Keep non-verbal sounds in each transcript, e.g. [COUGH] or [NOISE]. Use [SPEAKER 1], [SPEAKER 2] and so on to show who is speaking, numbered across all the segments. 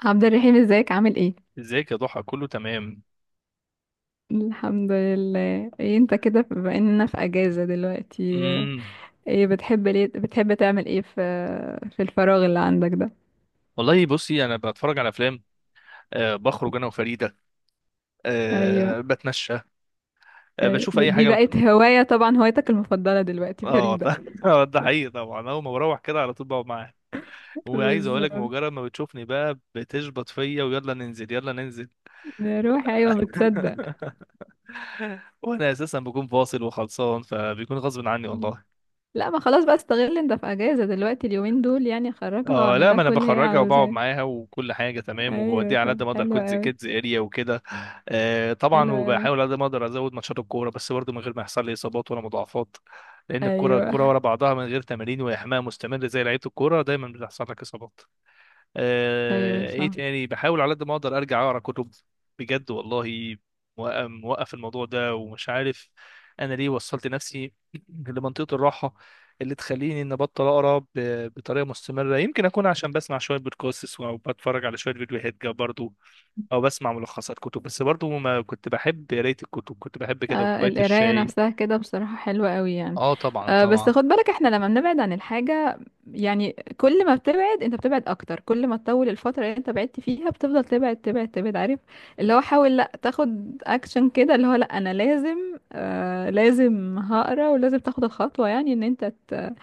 [SPEAKER 1] عبد الرحيم، ازيك؟ عامل ايه؟
[SPEAKER 2] ازيك يا ضحى؟ كله تمام.
[SPEAKER 1] الحمد لله. ايه انت كده بما اننا في اجازة دلوقتي؟
[SPEAKER 2] امم
[SPEAKER 1] ايه بتحب، ليه بتحب تعمل ايه في الفراغ اللي عندك ده؟
[SPEAKER 2] والله بصي، انا بتفرج على افلام. أه، بخرج انا وفريده.
[SPEAKER 1] ايوه.
[SPEAKER 2] أه، بتمشى. أه،
[SPEAKER 1] ايوه،
[SPEAKER 2] بشوف
[SPEAKER 1] دي
[SPEAKER 2] اي
[SPEAKER 1] دي
[SPEAKER 2] حاجه.
[SPEAKER 1] بقت هواية طبعا، هوايتك المفضلة دلوقتي
[SPEAKER 2] اه.
[SPEAKER 1] فريدة.
[SPEAKER 2] [LAUGHS] آه، ده حقيقي طبعا، اول ما بروح كده على طول بقعد معاها.
[SPEAKER 1] [LAUGHS]
[SPEAKER 2] وعايز اقول لك،
[SPEAKER 1] بالظبط.
[SPEAKER 2] مجرد ما بتشوفني بقى بتشبط فيا، ويلا ننزل يلا ننزل.
[SPEAKER 1] نروح، ايوه، بتصدق.
[SPEAKER 2] [LAUGHS] وانا اساسا بكون فاصل وخلصان، فبيكون غصب عني والله.
[SPEAKER 1] لا، ما خلاص بقى، استغل انت في اجازة دلوقتي اليومين دول، يعني خرجها
[SPEAKER 2] اه
[SPEAKER 1] واعمل
[SPEAKER 2] لا،
[SPEAKER 1] لها
[SPEAKER 2] ما انا
[SPEAKER 1] كل اللي هي
[SPEAKER 2] بخرجها وبقعد
[SPEAKER 1] عاوزاه.
[SPEAKER 2] معاها وكل حاجه تمام،
[SPEAKER 1] ايوه،
[SPEAKER 2] وبوديها على قد
[SPEAKER 1] طب
[SPEAKER 2] ما اقدر
[SPEAKER 1] حلو
[SPEAKER 2] كودز
[SPEAKER 1] قوي.
[SPEAKER 2] كيدز اريا وكده. آه طبعا،
[SPEAKER 1] حلو قوي.
[SPEAKER 2] وبحاول على قد ما اقدر ازود ماتشات الكوره، بس برضه من غير ما يحصل لي اصابات ولا مضاعفات. لان الكوره الكوره
[SPEAKER 1] ايوه
[SPEAKER 2] ورا بعضها من غير تمارين واحماء مستمر، زي لعيبه الكوره دايما بتحصل لك اصابات.
[SPEAKER 1] ايوه
[SPEAKER 2] آه، ايه
[SPEAKER 1] صح.
[SPEAKER 2] تاني، بحاول على قد ما اقدر ارجع اقرا كتب بجد والله. موقف الموضوع ده ومش عارف انا ليه وصلت نفسي [CLEARS THROAT] لمنطقة الراحة اللي تخليني ان ابطل اقرا بطريقة مستمرة. يمكن اكون عشان بسمع شوية بودكاستس او بتفرج على شوية فيديوهات جا برضو، او بسمع ملخصات كتب. بس برضو ما كنت بحب قراية الكتب، كنت بحب كده
[SPEAKER 1] آه،
[SPEAKER 2] كوباية
[SPEAKER 1] القراية
[SPEAKER 2] الشاي.
[SPEAKER 1] نفسها كده بصراحة حلوة قوي يعني.
[SPEAKER 2] اه طبعا
[SPEAKER 1] آه، بس
[SPEAKER 2] طبعا.
[SPEAKER 1] خد بالك، احنا لما بنبعد عن الحاجة يعني، كل ما بتبعد انت بتبعد اكتر، كل ما تطول الفترة اللي انت بعدت فيها بتفضل تبعد تبعد تبعد. عارف؟ اللي هو حاول، لا تاخد اكشن كده، اللي هو لا انا لازم، آه لازم هقرا، ولازم تاخد الخطوة، يعني ان انت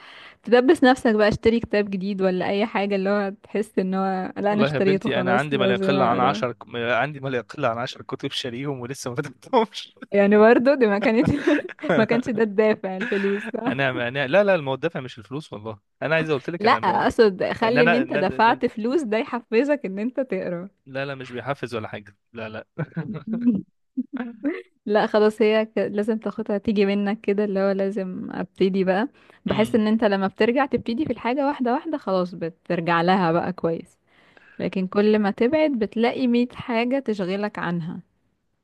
[SPEAKER 1] تدبس نفسك بقى، اشتري كتاب جديد ولا اي حاجة، اللي هو تحس ان هو لا انا
[SPEAKER 2] والله يا
[SPEAKER 1] اشتريته
[SPEAKER 2] بنتي، انا
[SPEAKER 1] خلاص
[SPEAKER 2] عندي ما لا
[SPEAKER 1] لازم
[SPEAKER 2] يقل عن
[SPEAKER 1] اقرا.
[SPEAKER 2] عشر، عندي ما لا يقل عن عشر كتب شاريهم ولسه ما فتحتهمش.
[SPEAKER 1] يعني برضه دي ما كانت، [LAUGHS] ما كانش
[SPEAKER 2] [LAUGHS]
[SPEAKER 1] ده الدافع الفلوس؟
[SPEAKER 2] انا لا لا، الموضوع دافع مش الفلوس والله. انا عايز اقول لك
[SPEAKER 1] لا،
[SPEAKER 2] انا الموضوع
[SPEAKER 1] اقصد
[SPEAKER 2] ان
[SPEAKER 1] خلي ان
[SPEAKER 2] انا،
[SPEAKER 1] انت دفعت فلوس ده يحفزك ان انت تقرا.
[SPEAKER 2] لا لا، مش بيحفز ولا حاجه، لا لا. [LAUGHS]
[SPEAKER 1] مم. لا، خلاص هي لازم تاخدها تيجي منك كده، اللي هو لازم ابتدي بقى. بحس
[SPEAKER 2] امم
[SPEAKER 1] ان انت لما بترجع تبتدي في الحاجة واحدة واحدة خلاص بترجع لها بقى كويس. لكن كل ما تبعد بتلاقي مية حاجة تشغلك عنها.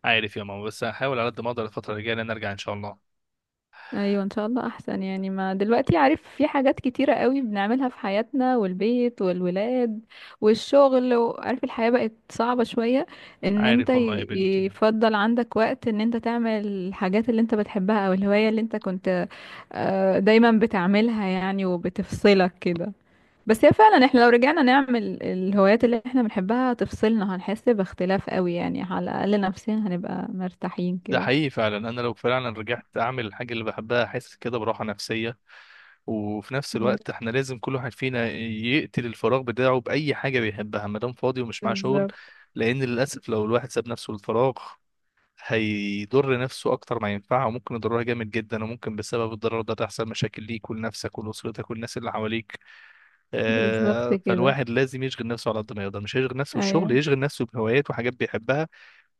[SPEAKER 2] عارف يا ماما، بس هحاول على قد ما اقدر الفتره الجايه ان انا ارجع ان شاء الله.
[SPEAKER 1] ايوه، ان شاء الله احسن، يعني ما دلوقتي عارف في حاجات كتيرة قوي بنعملها في حياتنا والبيت والولاد والشغل، وعارف الحياة بقت صعبة شوية. ان انت
[SPEAKER 2] عارف والله يا بنتي،
[SPEAKER 1] يفضل عندك وقت ان انت تعمل الحاجات اللي انت بتحبها او الهواية اللي انت كنت دايما بتعملها يعني وبتفصلك كده. بس هي فعلا احنا لو رجعنا نعمل الهوايات اللي احنا بنحبها هتفصلنا، هنحس باختلاف قوي يعني، على الاقل نفسيا هنبقى مرتاحين
[SPEAKER 2] ده
[SPEAKER 1] كده.
[SPEAKER 2] حقيقي فعلا. انا لو فعلا رجعت اعمل الحاجه اللي بحبها احس كده براحه نفسيه. وفي نفس
[SPEAKER 1] أيوة،
[SPEAKER 2] الوقت احنا لازم كل واحد فينا يقتل الفراغ بتاعه باي حاجه بيحبها، ما دام فاضي ومش معاه شغل.
[SPEAKER 1] بالظبط.
[SPEAKER 2] لان للاسف لو الواحد ساب نفسه للفراغ هيضر نفسه اكتر ما ينفعه، وممكن يضرها جامد جدا، وممكن بسبب الضرر ده تحصل مشاكل ليك ولنفسك ولاسرتك والناس اللي حواليك.
[SPEAKER 1] بالظبط
[SPEAKER 2] آه،
[SPEAKER 1] كده.
[SPEAKER 2] فالواحد لازم يشغل نفسه على قد ما يقدر. مش هيشغل نفسه بالشغل،
[SPEAKER 1] ايوه
[SPEAKER 2] يشغل نفسه بهوايات وحاجات بيحبها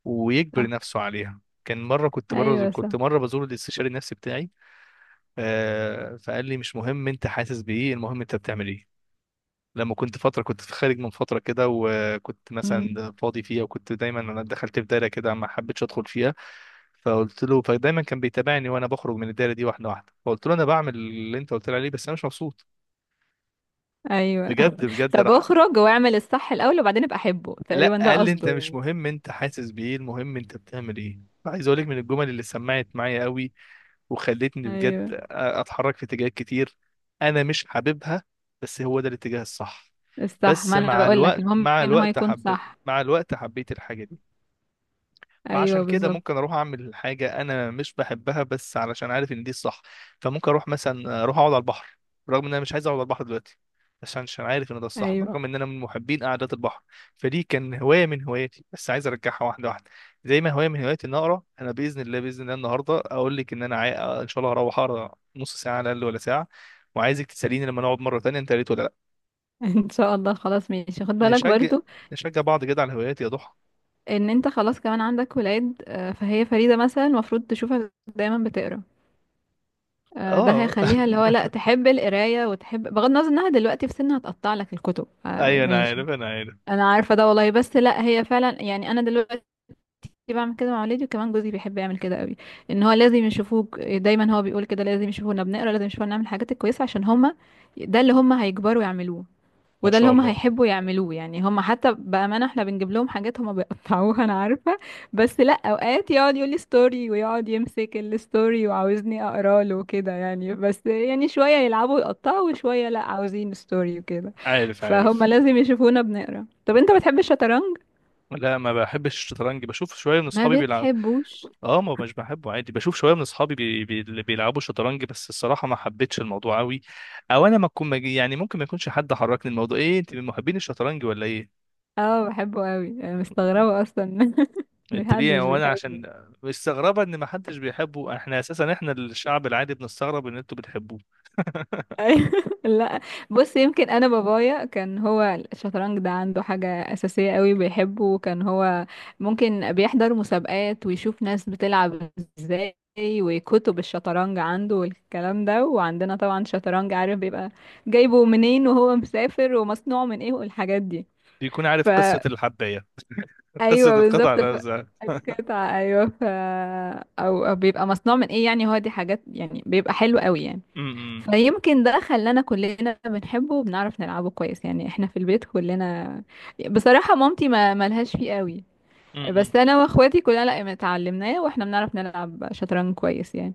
[SPEAKER 2] ويجبر
[SPEAKER 1] صح.
[SPEAKER 2] نفسه عليها. كان مره كنت بره،
[SPEAKER 1] ايوه صح.
[SPEAKER 2] كنت مره بزور الاستشاري النفسي بتاعي. آه، فقال لي مش مهم انت حاسس بايه، المهم انت بتعمل ايه. لما كنت فتره، كنت في خارج من فتره كده وكنت
[SPEAKER 1] امم.
[SPEAKER 2] مثلا فاضي فيها، وكنت دايما انا دخلت في دايره كده ما حبيتش ادخل فيها. فقلت له، فدايما كان بيتابعني وانا بخرج من الدايره دي واحده واحده. فقلت له انا بعمل اللي انت قلت لي عليه، بس انا مش مبسوط
[SPEAKER 1] ايوه.
[SPEAKER 2] بجد
[SPEAKER 1] [LAUGHS]
[SPEAKER 2] بجد.
[SPEAKER 1] طب
[SPEAKER 2] راح
[SPEAKER 1] اخرج واعمل الصح الاول وبعدين ابقى احبه،
[SPEAKER 2] لا
[SPEAKER 1] تقريبا ده
[SPEAKER 2] قال لي، انت
[SPEAKER 1] قصده
[SPEAKER 2] مش
[SPEAKER 1] يعني.
[SPEAKER 2] مهم انت حاسس بايه، المهم انت بتعمل ايه. عايز اقول لك من الجمل اللي سمعت معايا قوي، وخلتني بجد
[SPEAKER 1] ايوه،
[SPEAKER 2] اتحرك في اتجاهات كتير انا مش حاببها، بس هو ده الاتجاه الصح.
[SPEAKER 1] الصح،
[SPEAKER 2] بس
[SPEAKER 1] ما انا
[SPEAKER 2] مع
[SPEAKER 1] بقول لك
[SPEAKER 2] الوقت،
[SPEAKER 1] المهم
[SPEAKER 2] مع
[SPEAKER 1] ان هو
[SPEAKER 2] الوقت،
[SPEAKER 1] يكون صح.
[SPEAKER 2] حبيت الحاجه دي.
[SPEAKER 1] ايوه
[SPEAKER 2] فعشان كده
[SPEAKER 1] بالظبط.
[SPEAKER 2] ممكن اروح اعمل حاجه انا مش بحبها، بس علشان عارف ان دي الصح. فممكن اروح، مثلا اروح اقعد على البحر رغم ان انا مش عايز اقعد على البحر دلوقتي، عشان عارف ان ده الصح،
[SPEAKER 1] ايوه.
[SPEAKER 2] برغم ان انا من محبين قعدات البحر. فدي كان هوايه من هواياتي، بس عايز ارجعها واحده واحده. زي ما هوايه من هواياتي ان اقرا انا باذن الله. باذن الله النهارده اقول لك ان انا آه، ان شاء الله هروح اقرا نص ساعه على الاقل ولا ساعه. وعايزك تساليني لما نقعد مره تانية انت قريت ولا لا.
[SPEAKER 1] [LAUGHS] ان شاء الله. خلاص ماشي. خد بالك
[SPEAKER 2] نشجع
[SPEAKER 1] برضو
[SPEAKER 2] نشجع بعض كده على الهوايات يا ضحى.
[SPEAKER 1] ان انت خلاص كمان عندك ولاد، فهي فريدة مثلا المفروض تشوفك دايما بتقرا. ده
[SPEAKER 2] اه. [LAUGHS]
[SPEAKER 1] هيخليها اللي هو لا تحب القرايه وتحب بغض النظر انها دلوقتي في سنها هتقطع لك الكتب. آه،
[SPEAKER 2] ايوه انا
[SPEAKER 1] ماشي.
[SPEAKER 2] عارف، انا عارف.
[SPEAKER 1] انا عارفه ده والله، بس لا هي فعلا يعني. انا دلوقتي كنت بعمل كده مع ولادي، وكمان جوزي بيحب يعمل كده قوي. ان هو لازم يشوفوك دايما، هو بيقول كده لازم يشوفونا بنقرا، لازم يشوفونا نعمل الحاجات الكويسه عشان هما ده اللي هما هيكبروا يعملوه
[SPEAKER 2] ما
[SPEAKER 1] وده اللي
[SPEAKER 2] شاء
[SPEAKER 1] هما
[SPEAKER 2] الله.
[SPEAKER 1] هيحبوا يعملوه. يعني هما حتى بامانه احنا بنجيب لهم حاجات هما بيقطعوها، انا عارفه. بس لا اوقات يقعد يقول لي ستوري، ويقعد يمسك الستوري وعاوزني اقرا له كده يعني. بس يعني شويه يلعبوا يقطعوا وشويه لا عاوزين ستوري وكده.
[SPEAKER 2] عارف
[SPEAKER 1] فهما
[SPEAKER 2] عارف.
[SPEAKER 1] لازم يشوفونا بنقرا. طب انت بتحب الشطرنج؟
[SPEAKER 2] لا ما بحبش الشطرنج، بشوف شويه من
[SPEAKER 1] ما
[SPEAKER 2] اصحابي بيلعب.
[SPEAKER 1] بتحبوش؟
[SPEAKER 2] اه، ما مش بحبه عادي، بشوف شويه من اصحابي اللي بيلعبوا شطرنج، بس الصراحه ما حبيتش الموضوع قوي. او انا ما اكون يعني ممكن ما يكونش حد حركني الموضوع. ايه انت من محبين الشطرنج ولا ايه؟
[SPEAKER 1] اه، بحبه قوي، انا مستغربه اصلا [LAUGHS] ان
[SPEAKER 2] انت
[SPEAKER 1] حد
[SPEAKER 2] ليه؟
[SPEAKER 1] مش
[SPEAKER 2] هو انا عشان
[SPEAKER 1] بيحبه.
[SPEAKER 2] مستغربه ان ما حدش بيحبه؟ احنا اساسا، احنا الشعب العادي بنستغرب ان انتوا بتحبوه.
[SPEAKER 1] أيوة. [LAUGHS] لا، بص يمكن انا بابايا كان هو الشطرنج ده عنده حاجه اساسيه قوي بيحبه، وكان هو ممكن بيحضر مسابقات ويشوف ناس بتلعب ازاي، وكتب الشطرنج عنده والكلام ده، وعندنا طبعا شطرنج عارف بيبقى جايبه منين وهو مسافر ومصنوع من ايه والحاجات دي.
[SPEAKER 2] بيكون عارف قصه الحبايه. قصه
[SPEAKER 1] ايوه
[SPEAKER 2] القطع
[SPEAKER 1] بالظبط،
[SPEAKER 2] نفسها. [LAUGHS]
[SPEAKER 1] القطعة، ايوه، او بيبقى مصنوع من ايه يعني، هو دي حاجات يعني بيبقى حلو قوي يعني.
[SPEAKER 2] م- م-
[SPEAKER 1] فيمكن ده خلانا كلنا بنحبه وبنعرف نلعبه كويس يعني، احنا في البيت كلنا بصراحة. مامتي ما ملهاش فيه قوي،
[SPEAKER 2] م- م-
[SPEAKER 1] بس انا واخواتي كلنا لا اتعلمناه، واحنا بنعرف نلعب شطرنج كويس يعني.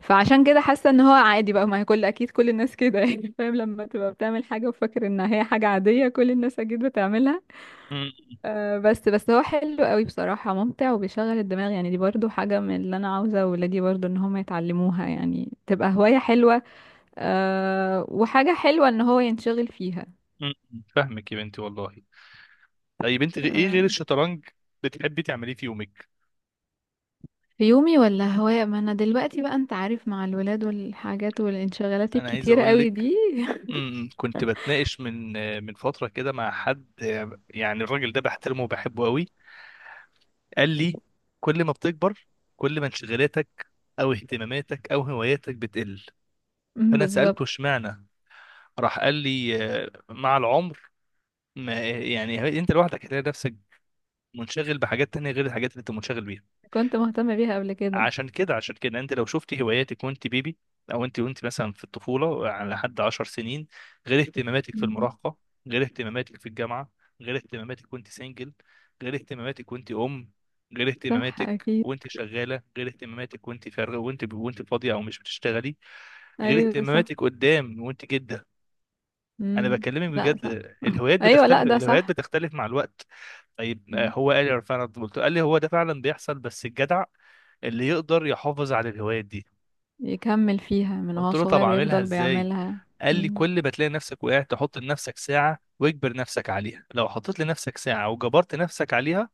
[SPEAKER 1] فعشان كده حاسة ان هو عادي بقى، ما هي كل، اكيد كل الناس كده يعني. [LAUGHS] فاهم؟ لما تبقى بتعمل حاجة وفاكر انها هي حاجة عادية كل الناس اكيد بتعملها.
[SPEAKER 2] م-
[SPEAKER 1] آه، بس هو حلو قوي بصراحة، ممتع وبيشغل الدماغ يعني، دي برضو حاجة من اللي أنا عاوزة ولادي برضو إن هم يتعلموها يعني، تبقى هواية حلوة. أه، وحاجة حلوة إن هو ينشغل فيها.
[SPEAKER 2] م- فاهمك يا بنتي والله. طيب انت ايه غير
[SPEAKER 1] أه،
[SPEAKER 2] الشطرنج بتحبي تعمليه في يومك؟
[SPEAKER 1] في يومي ولا هواية، ما أنا دلوقتي بقى أنت عارف مع الولاد والحاجات والانشغالات
[SPEAKER 2] انا عايز
[SPEAKER 1] الكتيرة
[SPEAKER 2] اقول
[SPEAKER 1] قوي
[SPEAKER 2] لك،
[SPEAKER 1] دي. [LAUGHS]
[SPEAKER 2] كنت بتناقش من فتره كده مع حد. يعني الراجل ده بحترمه وبحبه قوي. قال لي، كل ما بتكبر، كل ما انشغالاتك او اهتماماتك او هواياتك بتقل.
[SPEAKER 1] مم،
[SPEAKER 2] فانا
[SPEAKER 1] بالظبط.
[SPEAKER 2] سالته اشمعنى؟ راح قال لي، اه، مع العمر، ما يعني انت لوحدك هتلاقي نفسك منشغل بحاجات تانية غير الحاجات اللي انت منشغل بيها.
[SPEAKER 1] كنت مهتمة بيها قبل كده.
[SPEAKER 2] عشان كده انت لو شفتي هواياتك وانت بيبي، او انت وانت مثلا في الطفوله على لحد 10 سنين، غير اهتماماتك في
[SPEAKER 1] مم.
[SPEAKER 2] المراهقه، غير اهتماماتك في الجامعه، غير اهتماماتك وانت سنجل، غير اهتماماتك وانت ام، غير
[SPEAKER 1] صح
[SPEAKER 2] اهتماماتك
[SPEAKER 1] أكيد.
[SPEAKER 2] وانت شغاله، غير اهتماماتك وانت فارغه، وانت فاضيه او مش بتشتغلي، غير
[SPEAKER 1] أيوة صح.
[SPEAKER 2] اهتماماتك قدام وانت جده. انا
[SPEAKER 1] مم.
[SPEAKER 2] بكلمك
[SPEAKER 1] لا
[SPEAKER 2] بجد.
[SPEAKER 1] صح. [LAUGHS]
[SPEAKER 2] الهوايات
[SPEAKER 1] أيوة، لا
[SPEAKER 2] بتختلف،
[SPEAKER 1] ده
[SPEAKER 2] الهوايات
[SPEAKER 1] صح.
[SPEAKER 2] بتختلف مع الوقت. طيب آه، هو قال لي فعلا، قال لي هو ده فعلا بيحصل، بس الجدع اللي يقدر يحافظ على الهوايات دي.
[SPEAKER 1] يكمل فيها من هو
[SPEAKER 2] قلت له طب
[SPEAKER 1] صغير
[SPEAKER 2] اعملها
[SPEAKER 1] ويفضل
[SPEAKER 2] ازاي؟
[SPEAKER 1] بيعملها.
[SPEAKER 2] قال لي
[SPEAKER 1] مم.
[SPEAKER 2] كل ما تلاقي نفسك وقعت تحط لنفسك ساعة واجبر نفسك عليها. لو حطيت لنفسك ساعة وجبرت نفسك عليها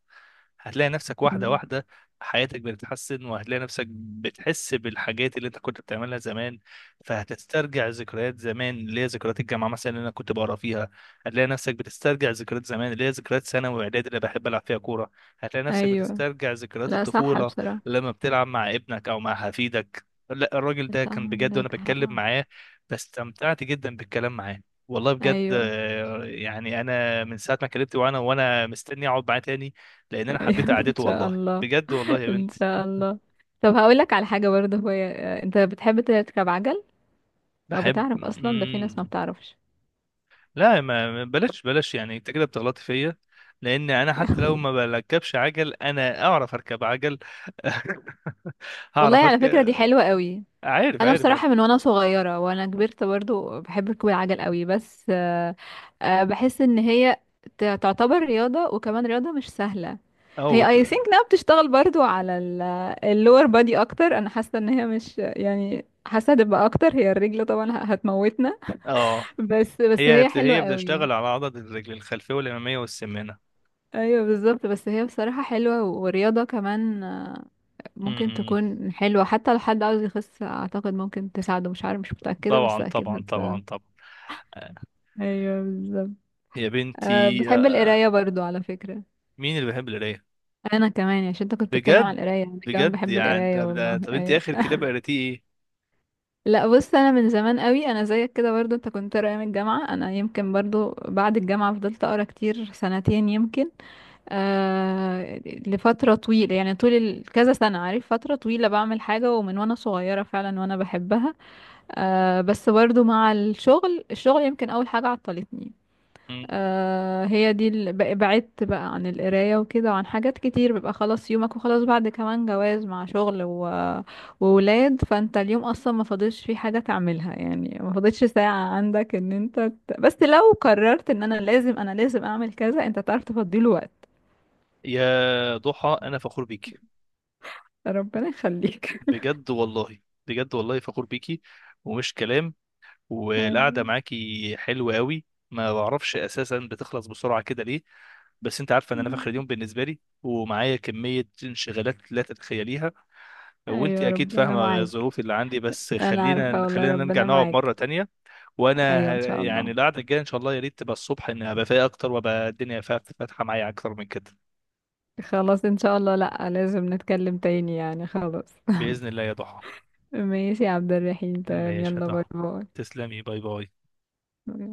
[SPEAKER 2] هتلاقي نفسك واحدة
[SPEAKER 1] مم.
[SPEAKER 2] واحدة حياتك بتتحسن، وهتلاقي نفسك بتحس بالحاجات اللي انت كنت بتعملها زمان. فهتسترجع ذكريات زمان اللي هي ذكريات الجامعة مثلا اللي انا كنت بقرا فيها. هتلاقي نفسك بتسترجع ذكريات زمان اللي هي ذكريات ثانوي واعدادي اللي بحب العب فيها كورة. هتلاقي نفسك
[SPEAKER 1] ايوه،
[SPEAKER 2] بتسترجع ذكريات
[SPEAKER 1] لا صح
[SPEAKER 2] الطفولة
[SPEAKER 1] بصراحة.
[SPEAKER 2] لما بتلعب مع ابنك او مع حفيدك. لا الراجل ده
[SPEAKER 1] صح،
[SPEAKER 2] كان بجد، وانا
[SPEAKER 1] عندك
[SPEAKER 2] بتكلم
[SPEAKER 1] حق.
[SPEAKER 2] معاه فاستمتعت جدا بالكلام معاه والله بجد.
[SPEAKER 1] ايوه.
[SPEAKER 2] آه، يعني انا من ساعة ما كلمت وانا مستني اقعد معاه تاني، لان انا
[SPEAKER 1] ايوه.
[SPEAKER 2] حبيت
[SPEAKER 1] [LAUGHS] ان
[SPEAKER 2] قعدته
[SPEAKER 1] شاء
[SPEAKER 2] والله
[SPEAKER 1] الله.
[SPEAKER 2] بجد، والله يا
[SPEAKER 1] ان
[SPEAKER 2] بنت.
[SPEAKER 1] شاء الله. طب هقول لك على حاجة برضه، هو انت بتحب تركب عجل؟ او
[SPEAKER 2] بحب.
[SPEAKER 1] بتعرف اصلا، ده في ناس ما
[SPEAKER 2] مم.
[SPEAKER 1] بتعرفش.
[SPEAKER 2] لا، بلاش بلاش، يعني انت كده بتغلطي فيا. لان انا حتى لو ما بركبش عجل انا اعرف اركب عجل. [LAUGHS]
[SPEAKER 1] والله
[SPEAKER 2] هعرف
[SPEAKER 1] على فكرة دي
[SPEAKER 2] اركب.
[SPEAKER 1] حلوة قوي.
[SPEAKER 2] عارف
[SPEAKER 1] انا
[SPEAKER 2] عارف انا.
[SPEAKER 1] بصراحه من وانا صغيره وانا كبرت برضو بحب ركوب العجل قوي، بس بحس ان هي تعتبر رياضه، وكمان رياضه مش سهله.
[SPEAKER 2] أو...
[SPEAKER 1] هي
[SPEAKER 2] بت-
[SPEAKER 1] اي ثينك انها بتشتغل برضو على اللور بادي اكتر، انا حاسه ان هي مش يعني، حاسه هتبقى اكتر، هي الرجل طبعا هتموتنا.
[SPEAKER 2] اه.
[SPEAKER 1] [LAUGHS] بس هي حلوه
[SPEAKER 2] هي
[SPEAKER 1] قوي.
[SPEAKER 2] بتشتغل على عضلة الرجل الخلفية والأمامية والسمانة.
[SPEAKER 1] ايوه بالظبط، بس هي بصراحه حلوه ورياضه كمان، ممكن
[SPEAKER 2] مم.
[SPEAKER 1] تكون حلوه حتى لو حد عاوز يخس، اعتقد ممكن تساعده، مش عارف، مش متاكده بس
[SPEAKER 2] طبعا
[SPEAKER 1] اكيد
[SPEAKER 2] طبعا
[SPEAKER 1] هتساعده.
[SPEAKER 2] طبعا طبعا. آه.
[SPEAKER 1] ايوه بالظبط.
[SPEAKER 2] يا
[SPEAKER 1] أه،
[SPEAKER 2] بنتي
[SPEAKER 1] بحب
[SPEAKER 2] آه.
[SPEAKER 1] القرايه برضو على فكره.
[SPEAKER 2] مين اللي بيحب القراية؟
[SPEAKER 1] انا كمان يعني، عشان انت كنت بتتكلم على
[SPEAKER 2] بجد؟
[SPEAKER 1] القرايه انا كمان
[SPEAKER 2] بجد
[SPEAKER 1] بحب
[SPEAKER 2] يعني؟
[SPEAKER 1] القرايه والله،
[SPEAKER 2] طب انت
[SPEAKER 1] ايوه.
[SPEAKER 2] اخر كتاب
[SPEAKER 1] [LAUGHS]
[SPEAKER 2] قريتيه
[SPEAKER 1] لا بص انا من زمان قوي، انا زيك كده برضو، انت كنت قارئ من الجامعه، انا يمكن برضو بعد الجامعه فضلت اقرا كتير سنتين يمكن. آه، لفتره طويله يعني، طول كذا سنه عارف، فتره طويله بعمل حاجه، ومن وانا صغيره فعلا وانا بحبها. آه، بس برضو مع الشغل يمكن اول حاجه عطلتني.
[SPEAKER 2] ايه؟
[SPEAKER 1] آه، هي دي بعدت بقى عن القراية وكده وعن حاجات كتير، بيبقى خلاص يومك، وخلاص بعد كمان جواز مع شغل وولاد، فانت اليوم اصلا ما فاضلش فيه حاجة تعملها يعني، ما فاضلش ساعة عندك ان انت بس لو قررت ان انا لازم اعمل كذا، انت تعرف تفضيله وقت.
[SPEAKER 2] يا ضحى انا فخور بيكي
[SPEAKER 1] ربنا يخليك.
[SPEAKER 2] بجد والله. بجد والله فخور بيكي، ومش كلام.
[SPEAKER 1] [LAUGHS]
[SPEAKER 2] والقعده
[SPEAKER 1] آمين.
[SPEAKER 2] معاكي حلوه قوي. ما بعرفش اساسا بتخلص بسرعه كده ليه، بس انت عارفه ان انا في اخر اليوم بالنسبه لي ومعايا كميه انشغالات لا تتخيليها، وانت
[SPEAKER 1] ايوه
[SPEAKER 2] اكيد
[SPEAKER 1] ربنا
[SPEAKER 2] فاهمه
[SPEAKER 1] معاك.
[SPEAKER 2] الظروف اللي عندي. بس
[SPEAKER 1] انا
[SPEAKER 2] خلينا
[SPEAKER 1] عارفة والله،
[SPEAKER 2] خلينا نرجع
[SPEAKER 1] ربنا
[SPEAKER 2] نقعد مره
[SPEAKER 1] معاك.
[SPEAKER 2] تانية.
[SPEAKER 1] ايوه ان شاء
[SPEAKER 2] يعني
[SPEAKER 1] الله.
[SPEAKER 2] القعده الجايه ان شاء الله يا ريت تبقى الصبح، ان ابقى فايق اكتر وابقى الدنيا فاتحه معايا اكتر من كده.
[SPEAKER 1] خلاص ان شاء الله، لا لازم نتكلم تاني يعني، خلاص.
[SPEAKER 2] باذن الله يا ضحى.
[SPEAKER 1] ماشي يا عبد الرحيم، تمام،
[SPEAKER 2] ماشي يا
[SPEAKER 1] يلا باي.
[SPEAKER 2] ضحى. تسلمي. باي باي.
[SPEAKER 1] باي.